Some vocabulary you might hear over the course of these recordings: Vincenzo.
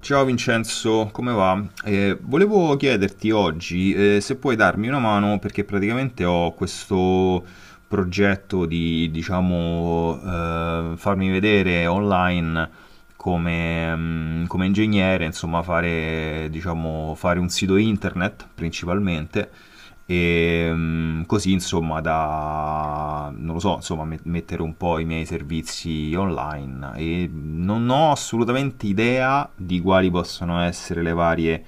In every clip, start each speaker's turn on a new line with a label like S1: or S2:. S1: Ciao Vincenzo, come va? Volevo chiederti oggi, se puoi darmi una mano, perché praticamente ho questo progetto di, diciamo, farmi vedere online come, come ingegnere, insomma, fare, diciamo, fare un sito internet principalmente e così, insomma, da, non lo so, insomma, mettere un po' i miei servizi online, e non ho assolutamente idea di quali possono essere le varie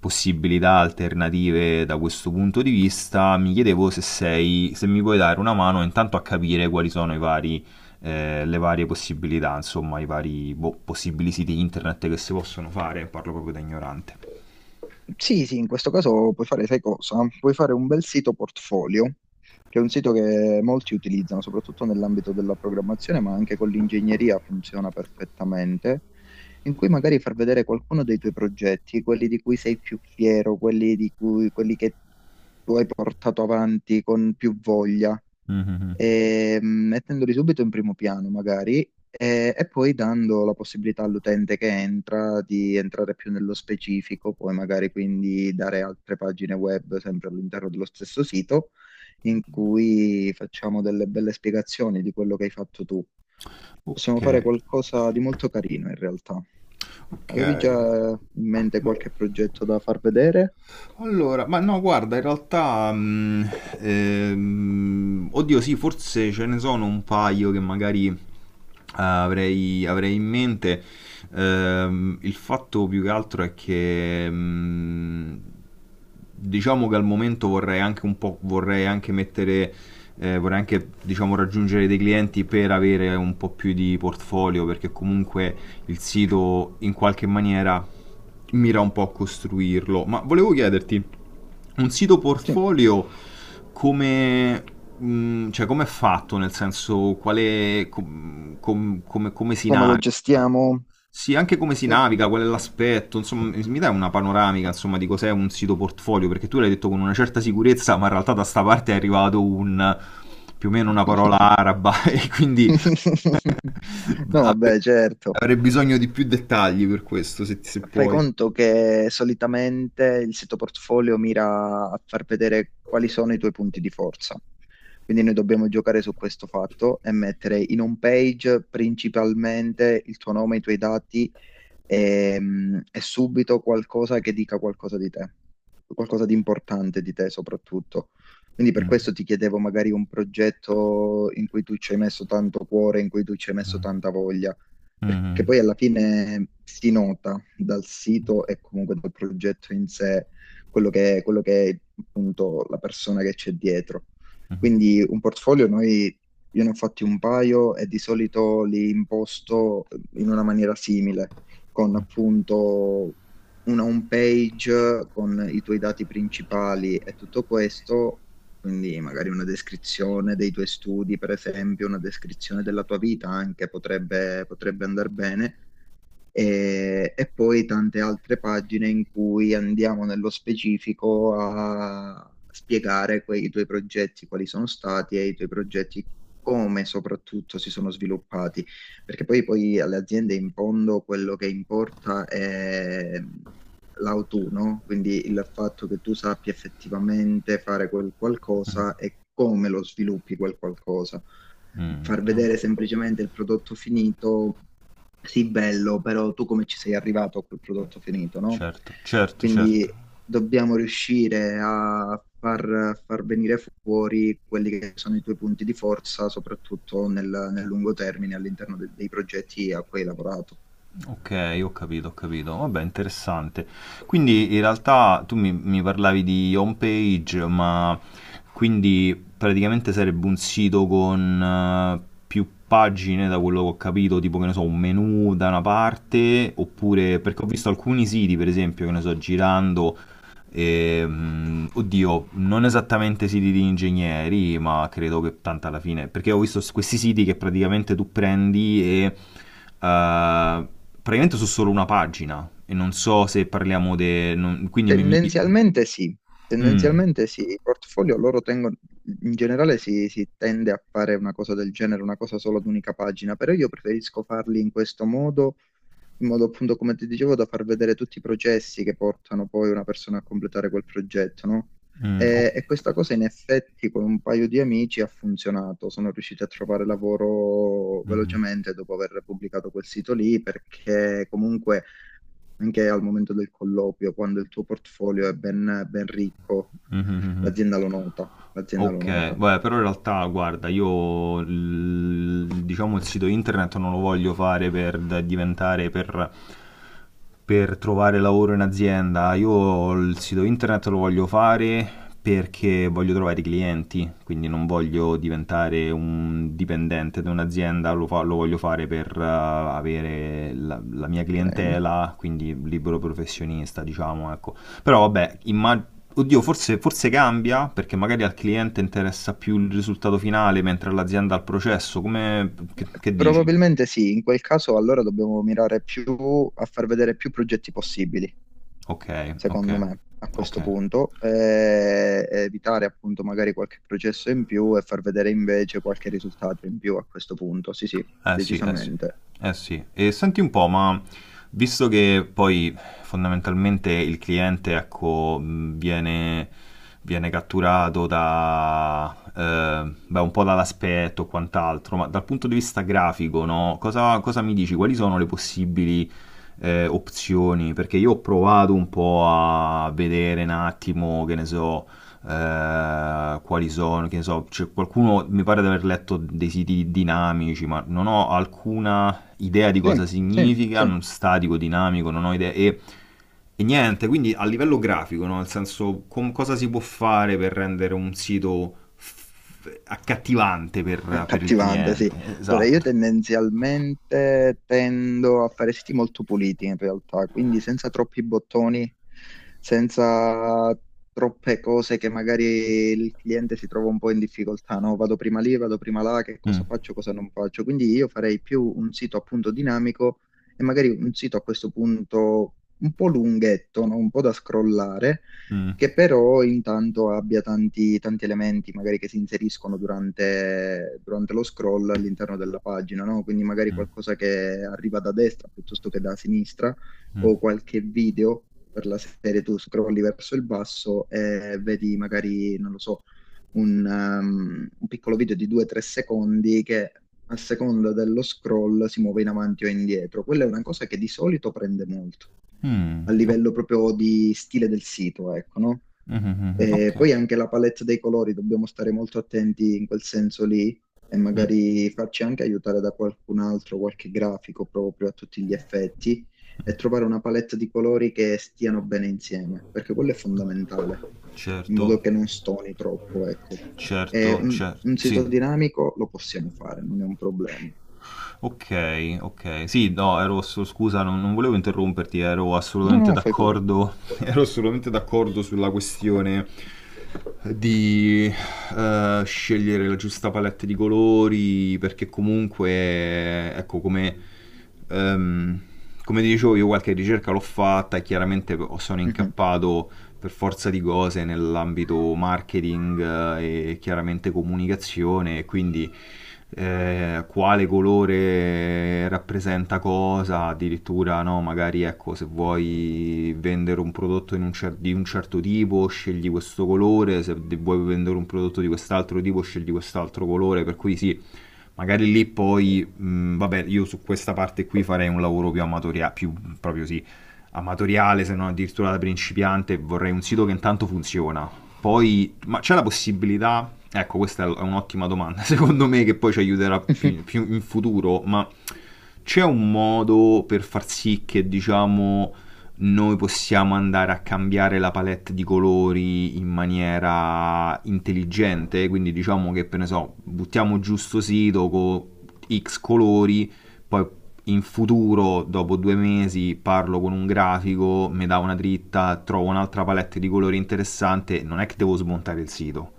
S1: possibilità alternative da questo punto di vista. Mi chiedevo se sei, se mi puoi dare una mano intanto a capire quali sono i vari, le varie possibilità, insomma, i vari boh, possibili siti internet che si possono fare. Parlo proprio da ignorante.
S2: Sì, sì, in questo caso puoi fare, sai cosa? Puoi fare un bel sito portfolio, che è un sito che molti utilizzano, soprattutto nell'ambito della programmazione, ma anche con l'ingegneria funziona perfettamente, in cui magari far vedere qualcuno dei tuoi progetti, quelli di cui sei più fiero, quelli che tu hai portato avanti con più voglia
S1: Mhm.
S2: e, mettendoli subito in primo piano magari e, poi dando la possibilità all'utente che entra di entrare più nello specifico, poi magari quindi dare altre pagine web sempre all'interno dello stesso sito in cui facciamo delle belle spiegazioni di quello che hai fatto tu.
S1: Ok.
S2: Possiamo fare qualcosa di molto carino in realtà.
S1: Ok.
S2: Avevi già in mente
S1: Ma,
S2: qualche progetto da far vedere?
S1: allora, ma no, guarda, in realtà, oddio, sì, forse ce ne sono un paio che magari avrei, avrei in mente. Il fatto più che altro è che, diciamo che al momento vorrei anche un po', vorrei anche mettere, vorrei anche, diciamo, raggiungere dei clienti per avere un po' più di portfolio, perché comunque il sito in qualche maniera mira un po' a costruirlo. Ma volevo chiederti, un sito
S2: Sì,
S1: portfolio come, cioè, come è fatto? Nel senso, quale, come, come si
S2: come lo
S1: naviga?
S2: gestiamo?
S1: Sì, anche come si
S2: Eh,
S1: naviga, qual è l'aspetto, insomma, mi mi dai una panoramica, insomma, di cos'è un sito portfolio, perché tu l'hai detto con una certa sicurezza, ma in realtà da sta parte è arrivato un, più o meno una parola araba, e quindi
S2: No, vabbè, certo.
S1: avrei bisogno di più dettagli per questo, se, se
S2: Fai
S1: puoi.
S2: conto che solitamente il sito portfolio mira a far vedere quali sono i tuoi punti di forza. Quindi noi dobbiamo giocare su questo fatto e mettere in home page principalmente il tuo nome, i tuoi dati, è subito qualcosa che dica qualcosa di te, qualcosa di importante di te soprattutto. Quindi per questo ti chiedevo magari un progetto in cui tu ci hai messo tanto cuore, in cui tu ci hai messo tanta voglia, perché poi alla fine si nota dal sito e comunque dal progetto in sé quello che è appunto la persona che c'è dietro. Quindi un portfolio noi, io ne ho fatti un paio e di solito li imposto in una maniera simile con appunto una home page con i tuoi dati principali e tutto questo, quindi magari una descrizione dei tuoi studi, per esempio, una descrizione della tua vita anche potrebbe andare bene e, poi tante altre pagine in cui andiamo nello specifico a spiegare i tuoi progetti, quali sono stati e i tuoi progetti come soprattutto si sono sviluppati, perché poi alle aziende in fondo quello che importa è l'autunno, no? Quindi il fatto che tu sappia effettivamente fare quel qualcosa e come lo sviluppi quel qualcosa. Far
S1: No,
S2: vedere semplicemente il prodotto finito sì, bello, però tu come ci sei arrivato a quel prodotto finito, no?
S1: certo, certo,
S2: Quindi
S1: certo.
S2: dobbiamo riuscire a a far venire fuori quelli che sono i tuoi punti di forza, soprattutto nel lungo termine all'interno dei progetti a cui hai lavorato.
S1: Ok, ho capito, ho capito. Vabbè, interessante. Quindi in realtà tu mi, mi parlavi di home page, ma quindi praticamente sarebbe un sito con più pagine, da quello che ho capito, tipo che ne so, un menu da una parte, oppure perché ho visto alcuni siti, per esempio, che ne so, girando. E, oddio, non esattamente siti di ingegneri, ma credo che tanto alla fine, perché ho visto questi siti che praticamente tu prendi e praticamente su solo una pagina e non so se parliamo di quindi
S2: Tendenzialmente sì,
S1: Mm,
S2: tendenzialmente sì, i portfolio loro tengono, in generale si tende a fare una cosa del genere, una cosa solo ad unica pagina, però io preferisco farli in questo modo in modo appunto, come ti dicevo, da far vedere tutti i processi che portano poi una persona a completare quel progetto, no?
S1: mm, ok,
S2: E, questa cosa in effetti con un paio di amici ha funzionato. Sono riusciti a trovare lavoro
S1: mm.
S2: velocemente dopo aver pubblicato quel sito lì, perché comunque anche al momento del colloquio, quando il tuo portfolio è ben, ben ricco,
S1: Mhm.
S2: l'azienda lo
S1: Ok,
S2: nota,
S1: beh, però in realtà, guarda, io diciamo il sito internet non lo voglio fare per diventare per trovare lavoro in azienda. Io il sito internet lo voglio fare perché voglio trovare i clienti, quindi non voglio diventare un dipendente da un'azienda, lo, lo voglio fare per avere la, la mia
S2: ok?
S1: clientela, quindi libero professionista, diciamo, ecco. Però vabbè, oddio, forse, forse cambia perché magari al cliente interessa più il risultato finale mentre all'azienda al processo. Come, che dici?
S2: Probabilmente sì, in quel caso allora dobbiamo mirare più a far vedere più progetti possibili
S1: Ok,
S2: secondo
S1: ok,
S2: me, a
S1: ok.
S2: questo punto, e evitare appunto magari qualche processo in più e far vedere invece qualche risultato in più a questo punto. Sì, sì,
S1: Eh sì, eh sì.
S2: decisamente.
S1: Eh sì. E senti un po', ma visto che poi fondamentalmente il cliente, ecco, viene, viene catturato da, beh, un po' dall'aspetto e quant'altro, ma dal punto di vista grafico, no? Cosa, cosa mi dici? Quali sono le possibili opzioni? Perché io ho provato un po' a vedere un attimo, che ne so, quali sono, che ne so, c'è qualcuno mi pare di aver letto dei siti dinamici, ma non ho alcuna idea di cosa
S2: Sì, sì,
S1: significa,
S2: sì.
S1: non statico, dinamico, non ho idea e niente, quindi a livello grafico, no? Nel senso cosa si può fare per rendere un sito accattivante per il
S2: Accattivante, sì.
S1: cliente,
S2: Allora, io
S1: esatto.
S2: tendenzialmente tendo a fare siti molto puliti in realtà, quindi senza troppi bottoni, senza troppe cose che magari il cliente si trova un po' in difficoltà, no? Vado prima lì, vado prima là, che cosa
S1: Mm,
S2: faccio, cosa non faccio. Quindi io farei più un sito appunto dinamico e magari un sito a questo punto un po' lunghetto, no? Un po' da scrollare
S1: mm,
S2: che però intanto abbia tanti, tanti elementi magari che si inseriscono durante lo scroll all'interno della pagina, no? Quindi magari
S1: mm,
S2: qualcosa che arriva da destra piuttosto che da sinistra o qualche video per la serie tu scrolli verso il basso e vedi magari, non lo so, un piccolo video di 2-3 secondi che a seconda dello scroll si muove in avanti o indietro. Quella è una cosa che di solito prende molto
S1: mm, mm,
S2: a
S1: ok,
S2: livello proprio di stile del sito, ecco, no?
S1: mm, mm, mm, mm, ok.
S2: E poi anche la palette dei colori, dobbiamo stare molto attenti in quel senso lì e
S1: Mm,
S2: magari farci anche aiutare da qualcun altro, qualche grafico proprio a tutti gli effetti e trovare una palette di colori che stiano bene insieme, perché quello è fondamentale, in modo
S1: certo,
S2: che non stoni troppo, ecco. E
S1: certo, certo,
S2: un sito
S1: sì.
S2: dinamico lo possiamo fare, non è un problema.
S1: Ok, ok. Sì, no, scusa, non, non volevo interromperti, ero
S2: No,
S1: assolutamente
S2: no, fai pure.
S1: d'accordo, ero assolutamente d'accordo sulla questione di scegliere la giusta palette di colori, perché comunque, ecco, come, ehm, come ti dicevo, io qualche ricerca l'ho fatta e chiaramente sono
S2: Mhm.
S1: incappato per forza di cose nell'ambito marketing, e chiaramente comunicazione, e quindi quale colore rappresenta cosa, addirittura no, magari ecco, se vuoi vendere un prodotto in un di un certo tipo scegli questo colore, se vuoi vendere un prodotto di quest'altro tipo scegli quest'altro colore, per cui sì, magari lì poi, vabbè, io su questa parte qui farei un lavoro più amatoriale, più proprio sì, amatoriale, se non addirittura da principiante, vorrei un sito che intanto funziona. Poi, ma c'è la possibilità, ecco questa è un'ottima domanda, secondo me, che poi ci aiuterà più, più in futuro, ma c'è un modo per far sì che diciamo noi possiamo andare a cambiare la palette di colori in maniera intelligente, quindi diciamo che per ne so, buttiamo giusto sito con X colori, poi in futuro, dopo 2 mesi, parlo con un grafico, mi dà una dritta, trovo un'altra palette di colori interessante, non è che devo smontare il sito.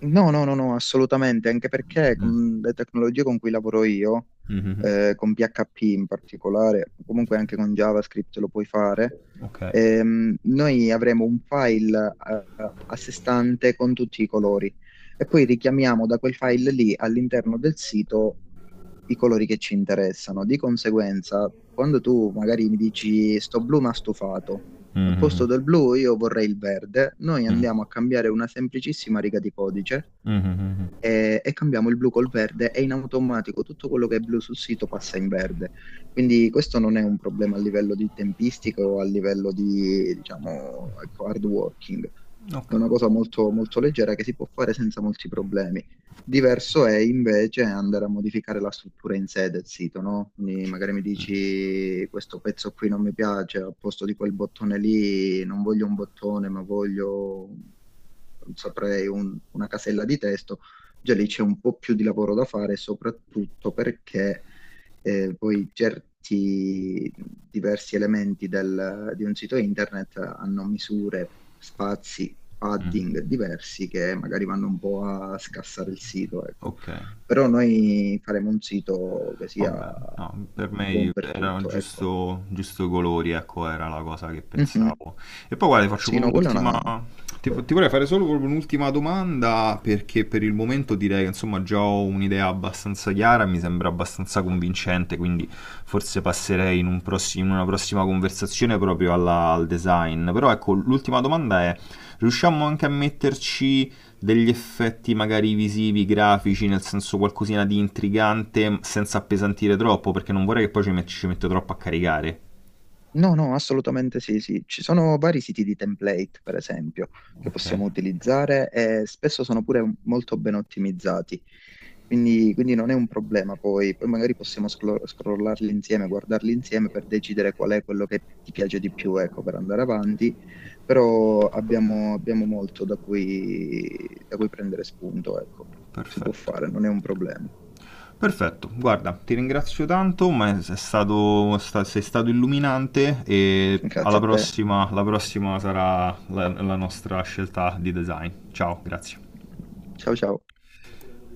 S2: No, no, no, no, assolutamente, anche perché
S1: Mm.
S2: con le tecnologie con cui lavoro io,
S1: Mhm.
S2: con PHP in particolare, comunque anche con JavaScript lo puoi fare,
S1: Ok.
S2: noi avremo un file, a sé stante con tutti i colori e poi richiamiamo da quel file lì all'interno del sito i colori che ci interessano. Di conseguenza, quando tu magari mi dici sto blu ma stufato, al posto
S1: Mhm.
S2: del blu io vorrei il verde. Noi
S1: Mm.
S2: andiamo a cambiare una semplicissima riga di codice
S1: Mhm.
S2: e, cambiamo il blu col verde e in automatico tutto quello che è blu sul sito passa in verde. Quindi questo non è un problema a livello di tempistica o a livello di, diciamo, ecco, hard working. È
S1: Ok.
S2: una cosa molto, molto leggera che si può fare senza molti problemi.
S1: Ok.
S2: Diverso è invece andare a modificare la struttura in sé del sito, no? Quindi
S1: Cioè,
S2: magari mi dici questo pezzo qui non mi piace, al posto di quel bottone lì non voglio un bottone, ma voglio, non saprei, una casella di testo già lì c'è un po' più di lavoro da fare, soprattutto perché poi certi diversi elementi di un sito internet hanno misure, spazi, padding diversi che magari vanno un po' a scassare il sito, ecco.
S1: ok.
S2: Però noi faremo un sito che sia
S1: Vabbè, no, per me
S2: buon per
S1: erano
S2: tutto, ecco.
S1: giusto, giusto colori, ecco, era la cosa che
S2: Mhm.
S1: pensavo. E poi guarda, ti faccio
S2: Sì,
S1: proprio
S2: no, quella è
S1: un'ultima
S2: una
S1: Ti, ti vorrei fare solo proprio un'ultima domanda, perché per il momento direi che insomma già ho un'idea abbastanza chiara, mi sembra abbastanza convincente, quindi forse passerei in, in una prossima conversazione proprio al design. Però ecco, l'ultima domanda è, riusciamo anche a metterci degli effetti magari visivi, grafici, nel senso qualcosina di intrigante senza appesantire troppo, perché non vorrei che poi ci, ci metto troppo a caricare.
S2: No, no, assolutamente sì, sì. Ci sono vari siti di template, per esempio, che
S1: Ok.
S2: possiamo utilizzare e spesso sono pure molto ben ottimizzati. Quindi, non è un problema poi. Poi magari possiamo scrollarli insieme, guardarli insieme per decidere qual è quello che ti piace di più, ecco, per andare avanti. Però abbiamo molto da cui prendere spunto, ecco. Si può
S1: Perfetto.
S2: fare, non è un problema.
S1: Perfetto, guarda, ti ringrazio tanto, ma sei stato, sei stato illuminante, e alla
S2: Grazie a te.
S1: prossima, la prossima sarà la, la nostra scelta di design. Ciao, grazie.
S2: Ciao ciao.